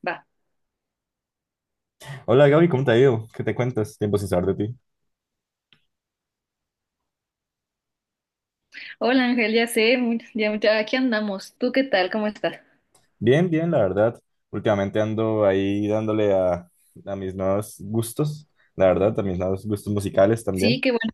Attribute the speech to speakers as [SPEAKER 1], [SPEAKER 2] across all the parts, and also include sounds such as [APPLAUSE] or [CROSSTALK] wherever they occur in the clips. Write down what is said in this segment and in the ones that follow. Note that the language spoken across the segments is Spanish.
[SPEAKER 1] Va.
[SPEAKER 2] Hola Gaby, ¿cómo te ha ido? ¿Qué te cuentas? Tiempo sin saber de ti.
[SPEAKER 1] Hola Ángel, ya sé, ya aquí andamos. ¿Tú qué tal? ¿Cómo estás?
[SPEAKER 2] Bien, bien, la verdad. Últimamente ando ahí dándole a mis nuevos gustos, la verdad, a mis nuevos gustos musicales
[SPEAKER 1] Sí,
[SPEAKER 2] también.
[SPEAKER 1] qué bueno.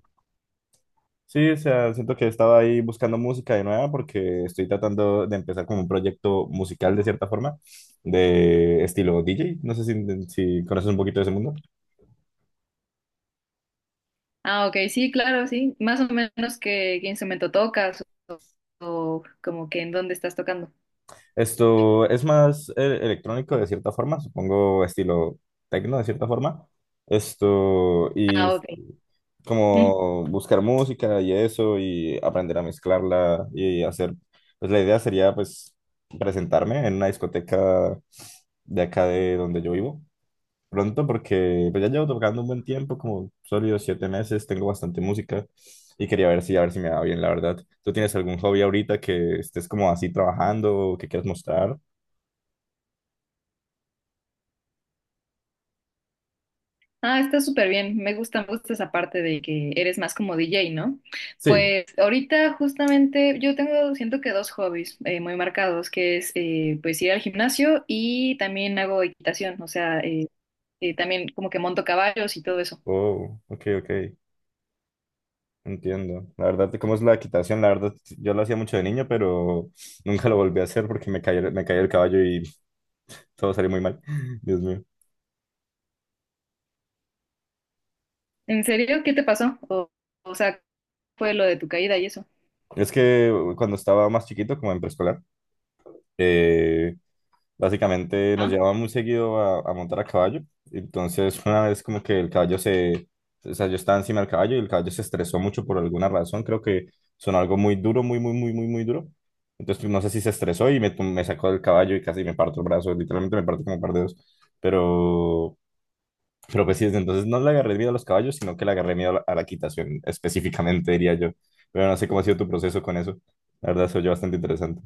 [SPEAKER 2] Sí, o sea, siento que estaba ahí buscando música de nueva porque estoy tratando de empezar como un proyecto musical de cierta forma, de estilo DJ. No sé si conoces un poquito de ese mundo.
[SPEAKER 1] Ah, ok, sí, claro, sí. Más o menos qué instrumento tocas o como que en dónde estás tocando.
[SPEAKER 2] Esto es más electrónico de cierta forma, supongo estilo techno de cierta forma. Esto, y
[SPEAKER 1] Ah, ok. Ujú.
[SPEAKER 2] como buscar música y eso y aprender a mezclarla y hacer, pues la idea sería pues presentarme en una discoteca de acá de donde yo vivo pronto porque pues ya llevo tocando un buen tiempo, como sólidos siete meses, tengo bastante música y quería ver a ver si me va bien, la verdad. ¿Tú tienes algún hobby ahorita que estés como así trabajando o que quieras mostrar?
[SPEAKER 1] Ah, está súper bien. Me gusta esa parte de que eres más como DJ, ¿no?
[SPEAKER 2] Sí.
[SPEAKER 1] Pues ahorita justamente yo tengo, siento que dos hobbies muy marcados, que es pues ir al gimnasio y también hago equitación, o sea, también como que monto caballos y todo eso.
[SPEAKER 2] Oh, ok, ok. Entiendo. La verdad, ¿cómo es la equitación? La verdad, yo lo hacía mucho de niño, pero [LAUGHS] nunca lo volví a hacer porque me caí el caballo y todo salió muy mal. [LAUGHS] Dios mío.
[SPEAKER 1] ¿En serio? ¿Qué te pasó? O sea, ¿fue lo de tu caída y eso?
[SPEAKER 2] Es que cuando estaba más chiquito, como en preescolar, eh, básicamente nos
[SPEAKER 1] Ajá.
[SPEAKER 2] llevaban muy seguido a montar a caballo. Entonces, una vez como que el caballo se... O sea, yo estaba encima del caballo y el caballo se estresó mucho por alguna razón. Creo que sonó algo muy duro, muy, muy, muy, muy, muy duro. Entonces, pues, no sé si se estresó y me sacó del caballo y casi me parto el brazo. Literalmente me parto como un par de dedos. Pero, pero pues sí, desde entonces no le agarré miedo a los caballos, sino que le agarré miedo a a la quitación, específicamente, diría yo. Pero no sé cómo ha sido tu proceso con eso. La verdad, se oyó bastante interesante.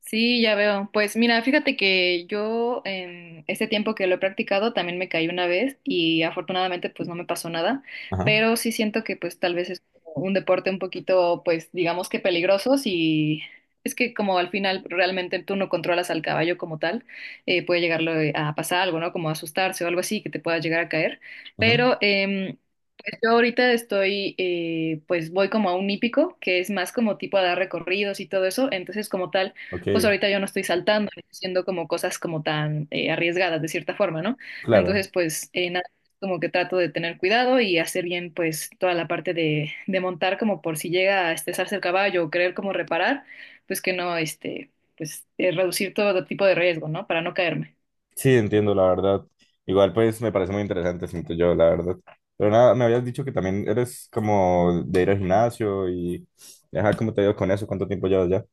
[SPEAKER 1] Sí, ya veo. Pues mira, fíjate que yo en este tiempo que lo he practicado también me caí una vez y afortunadamente pues no me pasó nada,
[SPEAKER 2] Ajá,
[SPEAKER 1] pero sí siento que pues tal vez es como un deporte un poquito pues digamos que peligroso y es que como al final realmente tú no controlas al caballo como tal, puede llegarlo a pasar algo, ¿no? Como asustarse o algo así que te pueda llegar a caer,
[SPEAKER 2] ujú,
[SPEAKER 1] pero... pues yo ahorita estoy, pues voy como a un hípico, que es más como tipo a dar recorridos y todo eso, entonces como tal
[SPEAKER 2] ok,
[SPEAKER 1] pues ahorita yo no estoy saltando, y haciendo como cosas como tan arriesgadas de cierta forma, ¿no?
[SPEAKER 2] claro.
[SPEAKER 1] Entonces, pues nada, como que trato de tener cuidado y hacer bien pues toda la parte de montar como por si llega a estresarse el caballo o querer como reparar, pues que no, este, pues reducir todo tipo de riesgo, ¿no? Para no caerme.
[SPEAKER 2] Sí, entiendo, la verdad. Igual, pues me parece muy interesante, siento yo, la verdad. Pero nada, me habías dicho que también eres como de ir al gimnasio y. Ajá, ¿cómo te ha ido con eso? ¿Cuánto tiempo llevas ya?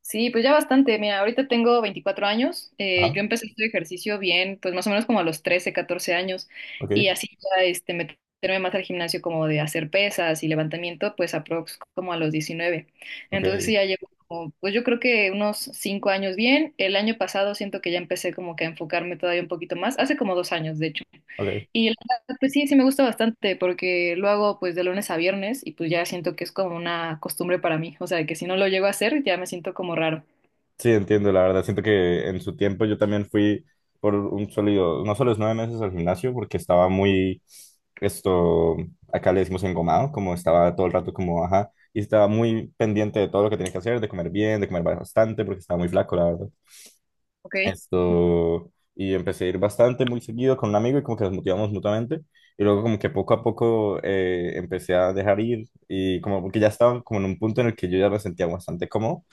[SPEAKER 1] Sí, pues ya bastante. Mira, ahorita tengo 24 años. Yo
[SPEAKER 2] Ajá,
[SPEAKER 1] empecé este ejercicio bien, pues más o menos como a los 13, 14 años.
[SPEAKER 2] ok,
[SPEAKER 1] Y así ya este, meterme más al gimnasio como de hacer pesas y levantamiento, pues aprox como a los 19.
[SPEAKER 2] ok,
[SPEAKER 1] Entonces sí, ya llevo como, pues yo creo que unos 5 años bien. El año pasado siento que ya empecé como que a enfocarme todavía un poquito más. Hace como 2 años, de hecho.
[SPEAKER 2] ok.
[SPEAKER 1] Y la verdad, pues sí, sí me gusta bastante porque lo hago pues de lunes a viernes y pues ya siento que es como una costumbre para mí. O sea, que si no lo llego a hacer ya me siento como raro.
[SPEAKER 2] Sí, entiendo, la verdad. Siento que en su tiempo yo también fui por un sólido, no solo los nueve meses al gimnasio, porque estaba muy. Esto, acá le decimos engomado, como estaba todo el rato como, ajá, y estaba muy pendiente de todo lo que tenía que hacer, de comer bien, de comer bastante, porque estaba muy flaco, la verdad.
[SPEAKER 1] ¿Ok?
[SPEAKER 2] Esto, y empecé a ir bastante, muy seguido con un amigo y como que nos motivamos mutuamente. Y luego como que poco a poco empecé a dejar ir y como que ya estaba como en un punto en el que yo ya me sentía bastante cómodo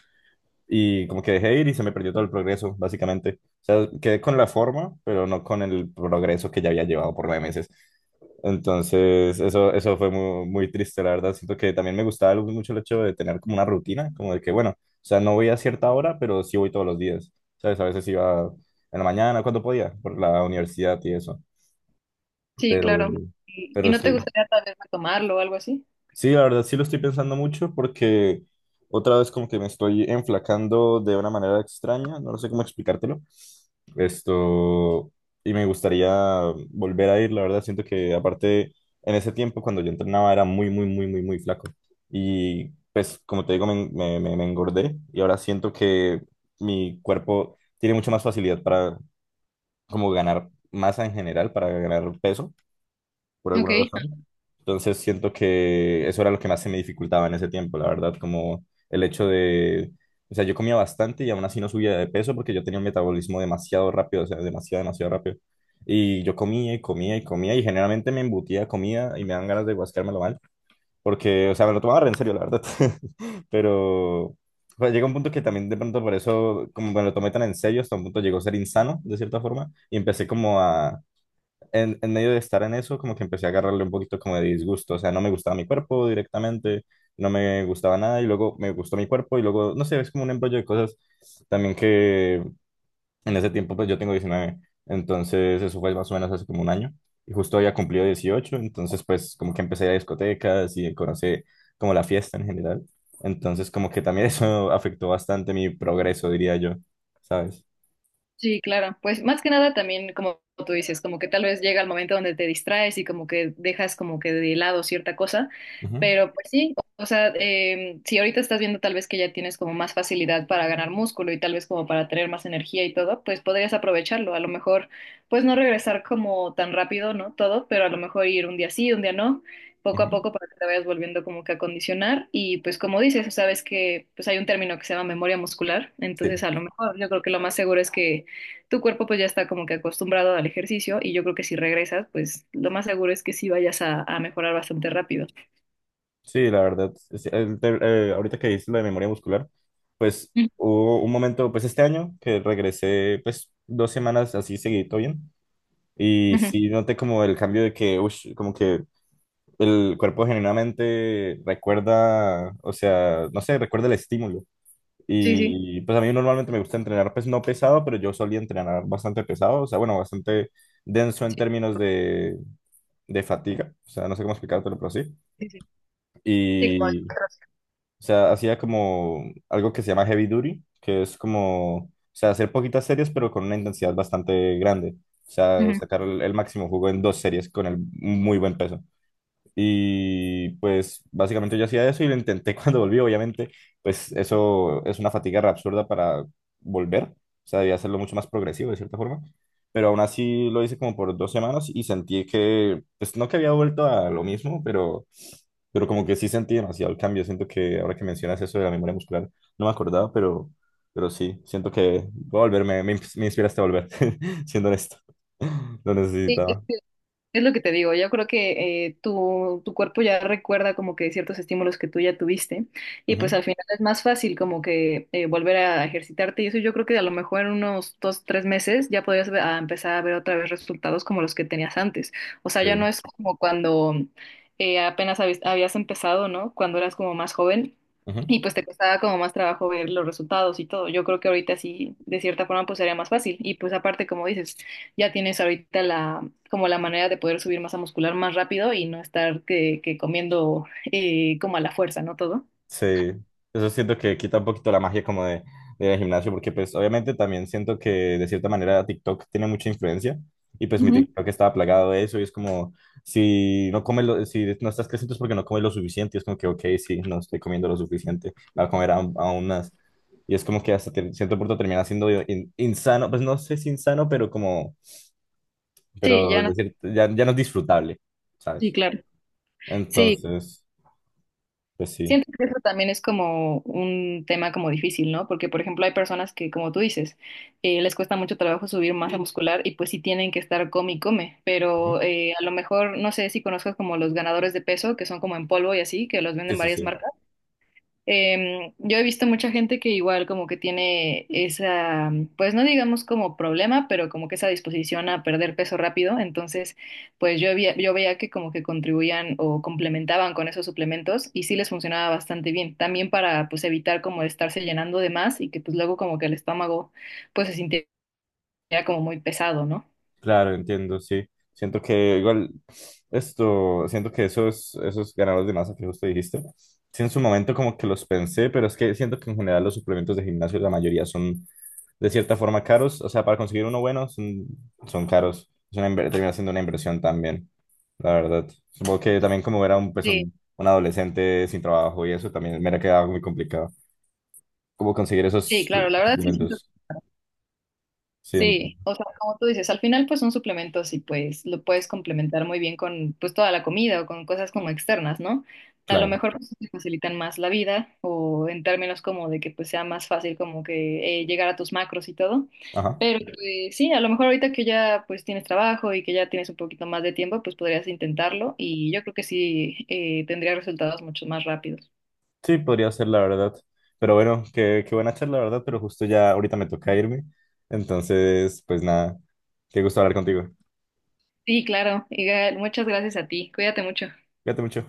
[SPEAKER 2] y como que dejé ir y se me perdió todo el progreso, básicamente. O sea, quedé con la forma, pero no con el progreso que ya había llevado por nueve meses. Entonces, eso fue muy, muy triste, la verdad. Siento que también me gustaba algo mucho el hecho de tener como una rutina, como de que, bueno, o sea, no voy a cierta hora, pero sí voy todos los días. ¿Sabes? A veces iba en la mañana, cuando podía, por la universidad y eso.
[SPEAKER 1] Sí,
[SPEAKER 2] Pero,
[SPEAKER 1] claro. ¿Y
[SPEAKER 2] pero
[SPEAKER 1] no te
[SPEAKER 2] sí.
[SPEAKER 1] gustaría tal vez retomarlo o algo así?
[SPEAKER 2] Sí, la verdad sí lo estoy pensando mucho porque otra vez como que me estoy enflacando de una manera extraña, no sé cómo explicártelo. Esto, y me gustaría volver a ir, la verdad siento que aparte en ese tiempo cuando yo entrenaba era muy, muy, muy, muy, muy flaco. Y pues como te digo, me engordé y ahora siento que mi cuerpo tiene mucha más facilidad para como ganar masa en general, para ganar peso, por
[SPEAKER 1] Ok.
[SPEAKER 2] alguna razón. Entonces siento que eso era lo que más se me dificultaba en ese tiempo, la verdad, como el hecho de, o sea, yo comía bastante y aún así no subía de peso porque yo tenía un metabolismo demasiado rápido, o sea, demasiado, demasiado rápido. Y yo comía y comía y comía y generalmente me embutía comida y me dan ganas de guascármelo mal porque, o sea, me lo tomaba re en serio, la verdad. [LAUGHS] Pero o llega un punto que también de pronto por eso, como me lo tomé tan en serio, hasta un punto llegó a ser insano, de cierta forma, y empecé como a en medio de estar en eso, como que empecé a agarrarle un poquito como de disgusto, o sea, no me gustaba mi cuerpo directamente, no me gustaba nada y luego me gustó mi cuerpo y luego, no sé, es como un embrollo de cosas también que en ese tiempo, pues yo tengo 19 entonces eso fue más o menos hace como un año y justo había cumplido 18 entonces pues como que empecé a ir a discotecas y conocí como la fiesta en general, entonces como que también [LAUGHS] eso afectó bastante mi progreso, diría yo, ¿sabes?
[SPEAKER 1] Sí, claro. Pues más que nada también, como tú dices, como que tal vez llega el momento donde te distraes y como que dejas como que de lado cierta cosa, pero pues sí, o sea, si ahorita estás viendo tal vez que ya tienes como más facilidad para ganar músculo y tal vez como para tener más energía y todo, pues podrías aprovecharlo. A lo mejor, pues no regresar como tan rápido, ¿no? Todo, pero a lo mejor ir un día sí, un día no.
[SPEAKER 2] Ujú,
[SPEAKER 1] Poco a
[SPEAKER 2] ujú.
[SPEAKER 1] poco para que te vayas volviendo como que a condicionar y pues como dices, sabes que pues hay un término que se llama memoria muscular, entonces
[SPEAKER 2] Sí.
[SPEAKER 1] a lo mejor yo creo que lo más seguro es que tu cuerpo pues ya está como que acostumbrado al ejercicio y yo creo que si regresas, pues lo más seguro es que sí vayas a mejorar bastante rápido.
[SPEAKER 2] Sí, la verdad, ahorita que dices lo de memoria muscular, pues
[SPEAKER 1] Ujú,
[SPEAKER 2] hubo un momento, pues este año, que regresé pues dos semanas así seguidito bien, y
[SPEAKER 1] ujú.
[SPEAKER 2] sí noté como el cambio de que, ush, como que el cuerpo genuinamente recuerda, o sea, no sé, recuerda el estímulo.
[SPEAKER 1] Sí, sí.
[SPEAKER 2] Y pues a mí normalmente me gusta entrenar pues no pesado, pero yo solía entrenar bastante pesado, o sea, bueno, bastante denso en
[SPEAKER 1] Sí,
[SPEAKER 2] términos de fatiga, o sea, no sé cómo explicártelo, pero sí.
[SPEAKER 1] sí, sí.
[SPEAKER 2] Y o
[SPEAKER 1] Otros.
[SPEAKER 2] sea, hacía como algo que se llama heavy duty, que es como, o sea, hacer poquitas series, pero con una intensidad bastante grande. O sea,
[SPEAKER 1] Ujú.
[SPEAKER 2] sacar el máximo jugo en dos series con el, muy buen peso. Y pues básicamente yo hacía eso y lo intenté [LAUGHS] cuando volví, obviamente, pues eso es una fatiga re absurda para volver, o sea, debía hacerlo mucho más progresivo de cierta forma, pero aún así lo hice como por dos semanas y sentí que, pues no que había vuelto a lo mismo, pero como que sí sentí demasiado el cambio, siento que ahora que mencionas eso de la memoria muscular, no me acordaba, pero sí, siento que voy a volver, me inspiraste a volver, [LAUGHS] siendo honesto, [LAUGHS] lo
[SPEAKER 1] Sí,
[SPEAKER 2] necesitaba.
[SPEAKER 1] es lo que te digo, yo creo que tu cuerpo ya recuerda como que ciertos estímulos que tú ya tuviste y pues al
[SPEAKER 2] Ujú,
[SPEAKER 1] final es más fácil como que volver a ejercitarte y eso yo creo que a lo mejor en unos dos, tres meses ya podrías a empezar a ver otra vez resultados como los que tenías antes. O sea,
[SPEAKER 2] sí,
[SPEAKER 1] ya no es como cuando apenas habías empezado, ¿no? Cuando eras como más joven
[SPEAKER 2] ujú.
[SPEAKER 1] y pues te costaba como más trabajo ver los resultados y todo. Yo creo que ahorita sí, de cierta forma, pues sería más fácil y pues aparte, como dices ya tienes ahorita la, como la manera de poder subir masa muscular más rápido y no estar que comiendo como a la fuerza, ¿no? Todo.
[SPEAKER 2] Sí, eso siento que quita un poquito la magia como de, del gimnasio, porque pues obviamente también siento que de cierta manera TikTok tiene mucha influencia y pues mi
[SPEAKER 1] Ujú.
[SPEAKER 2] TikTok estaba plagado de eso y es como, si no comes lo, si no estás creciendo es porque no comes lo suficiente y es como que, ok, sí, no estoy comiendo lo suficiente, voy a comer aún, aún más. Y es como que cierto punto termina siendo insano, pues no sé si insano, pero como,
[SPEAKER 1] Sí, ya
[SPEAKER 2] pero de
[SPEAKER 1] no.
[SPEAKER 2] ya, ya no es disfrutable,
[SPEAKER 1] Sí,
[SPEAKER 2] ¿sabes?
[SPEAKER 1] claro. Sí,
[SPEAKER 2] Entonces, pues sí.
[SPEAKER 1] siento que eso también es como un tema como difícil, ¿no? Porque, por ejemplo, hay personas que, como tú dices, les cuesta mucho trabajo subir masa muscular y pues sí tienen que estar come y come,
[SPEAKER 2] Ujú.
[SPEAKER 1] pero a lo mejor, no sé si conozcas como los ganadores de peso, que son como en polvo y así, que los
[SPEAKER 2] Sí,
[SPEAKER 1] venden
[SPEAKER 2] sí,
[SPEAKER 1] varias
[SPEAKER 2] sí.
[SPEAKER 1] marcas. Yo he visto mucha gente que igual como que tiene esa, pues no digamos como problema, pero como que esa disposición a perder peso rápido. Entonces, pues yo, yo veía que como que contribuían o complementaban con esos suplementos y sí les funcionaba bastante bien. También para pues evitar como estarse llenando de más y que pues luego como que el estómago pues se sintiera como muy pesado, ¿no?
[SPEAKER 2] Claro, entiendo, sí. Siento que igual esto, siento que esos ganadores de masa que justo dijiste, sí en su momento como que los pensé, pero es que siento que en general los suplementos de gimnasio la mayoría son de cierta forma caros, o sea, para conseguir uno bueno son, son caros, es una, inver- termina siendo una inversión también, la verdad. Supongo que también como era
[SPEAKER 1] Sí,
[SPEAKER 2] un adolescente sin trabajo y eso también me era quedado muy complicado, cómo conseguir
[SPEAKER 1] sí,
[SPEAKER 2] esos
[SPEAKER 1] claro, la verdad sí.
[SPEAKER 2] suplementos, sí, en-
[SPEAKER 1] Sí, o sea, como tú dices, al final pues son suplementos y pues lo puedes complementar muy bien con pues toda la comida o con cosas como externas, ¿no? A lo
[SPEAKER 2] claro,
[SPEAKER 1] mejor pues te facilitan más la vida o en términos como de que pues sea más fácil como que llegar a tus macros y todo.
[SPEAKER 2] ajá.
[SPEAKER 1] Pero pues, sí, a lo mejor ahorita que ya pues tienes trabajo y que ya tienes un poquito más de tiempo, pues podrías intentarlo y yo creo que sí tendría resultados mucho más rápidos.
[SPEAKER 2] Sí, podría ser la verdad. Pero bueno, qué buena charla, la verdad, pero justo ya ahorita me toca irme. Entonces, pues nada, qué gusto hablar contigo.
[SPEAKER 1] Sí, claro. Igal, muchas gracias a ti. Cuídate mucho.
[SPEAKER 2] Cuídate mucho.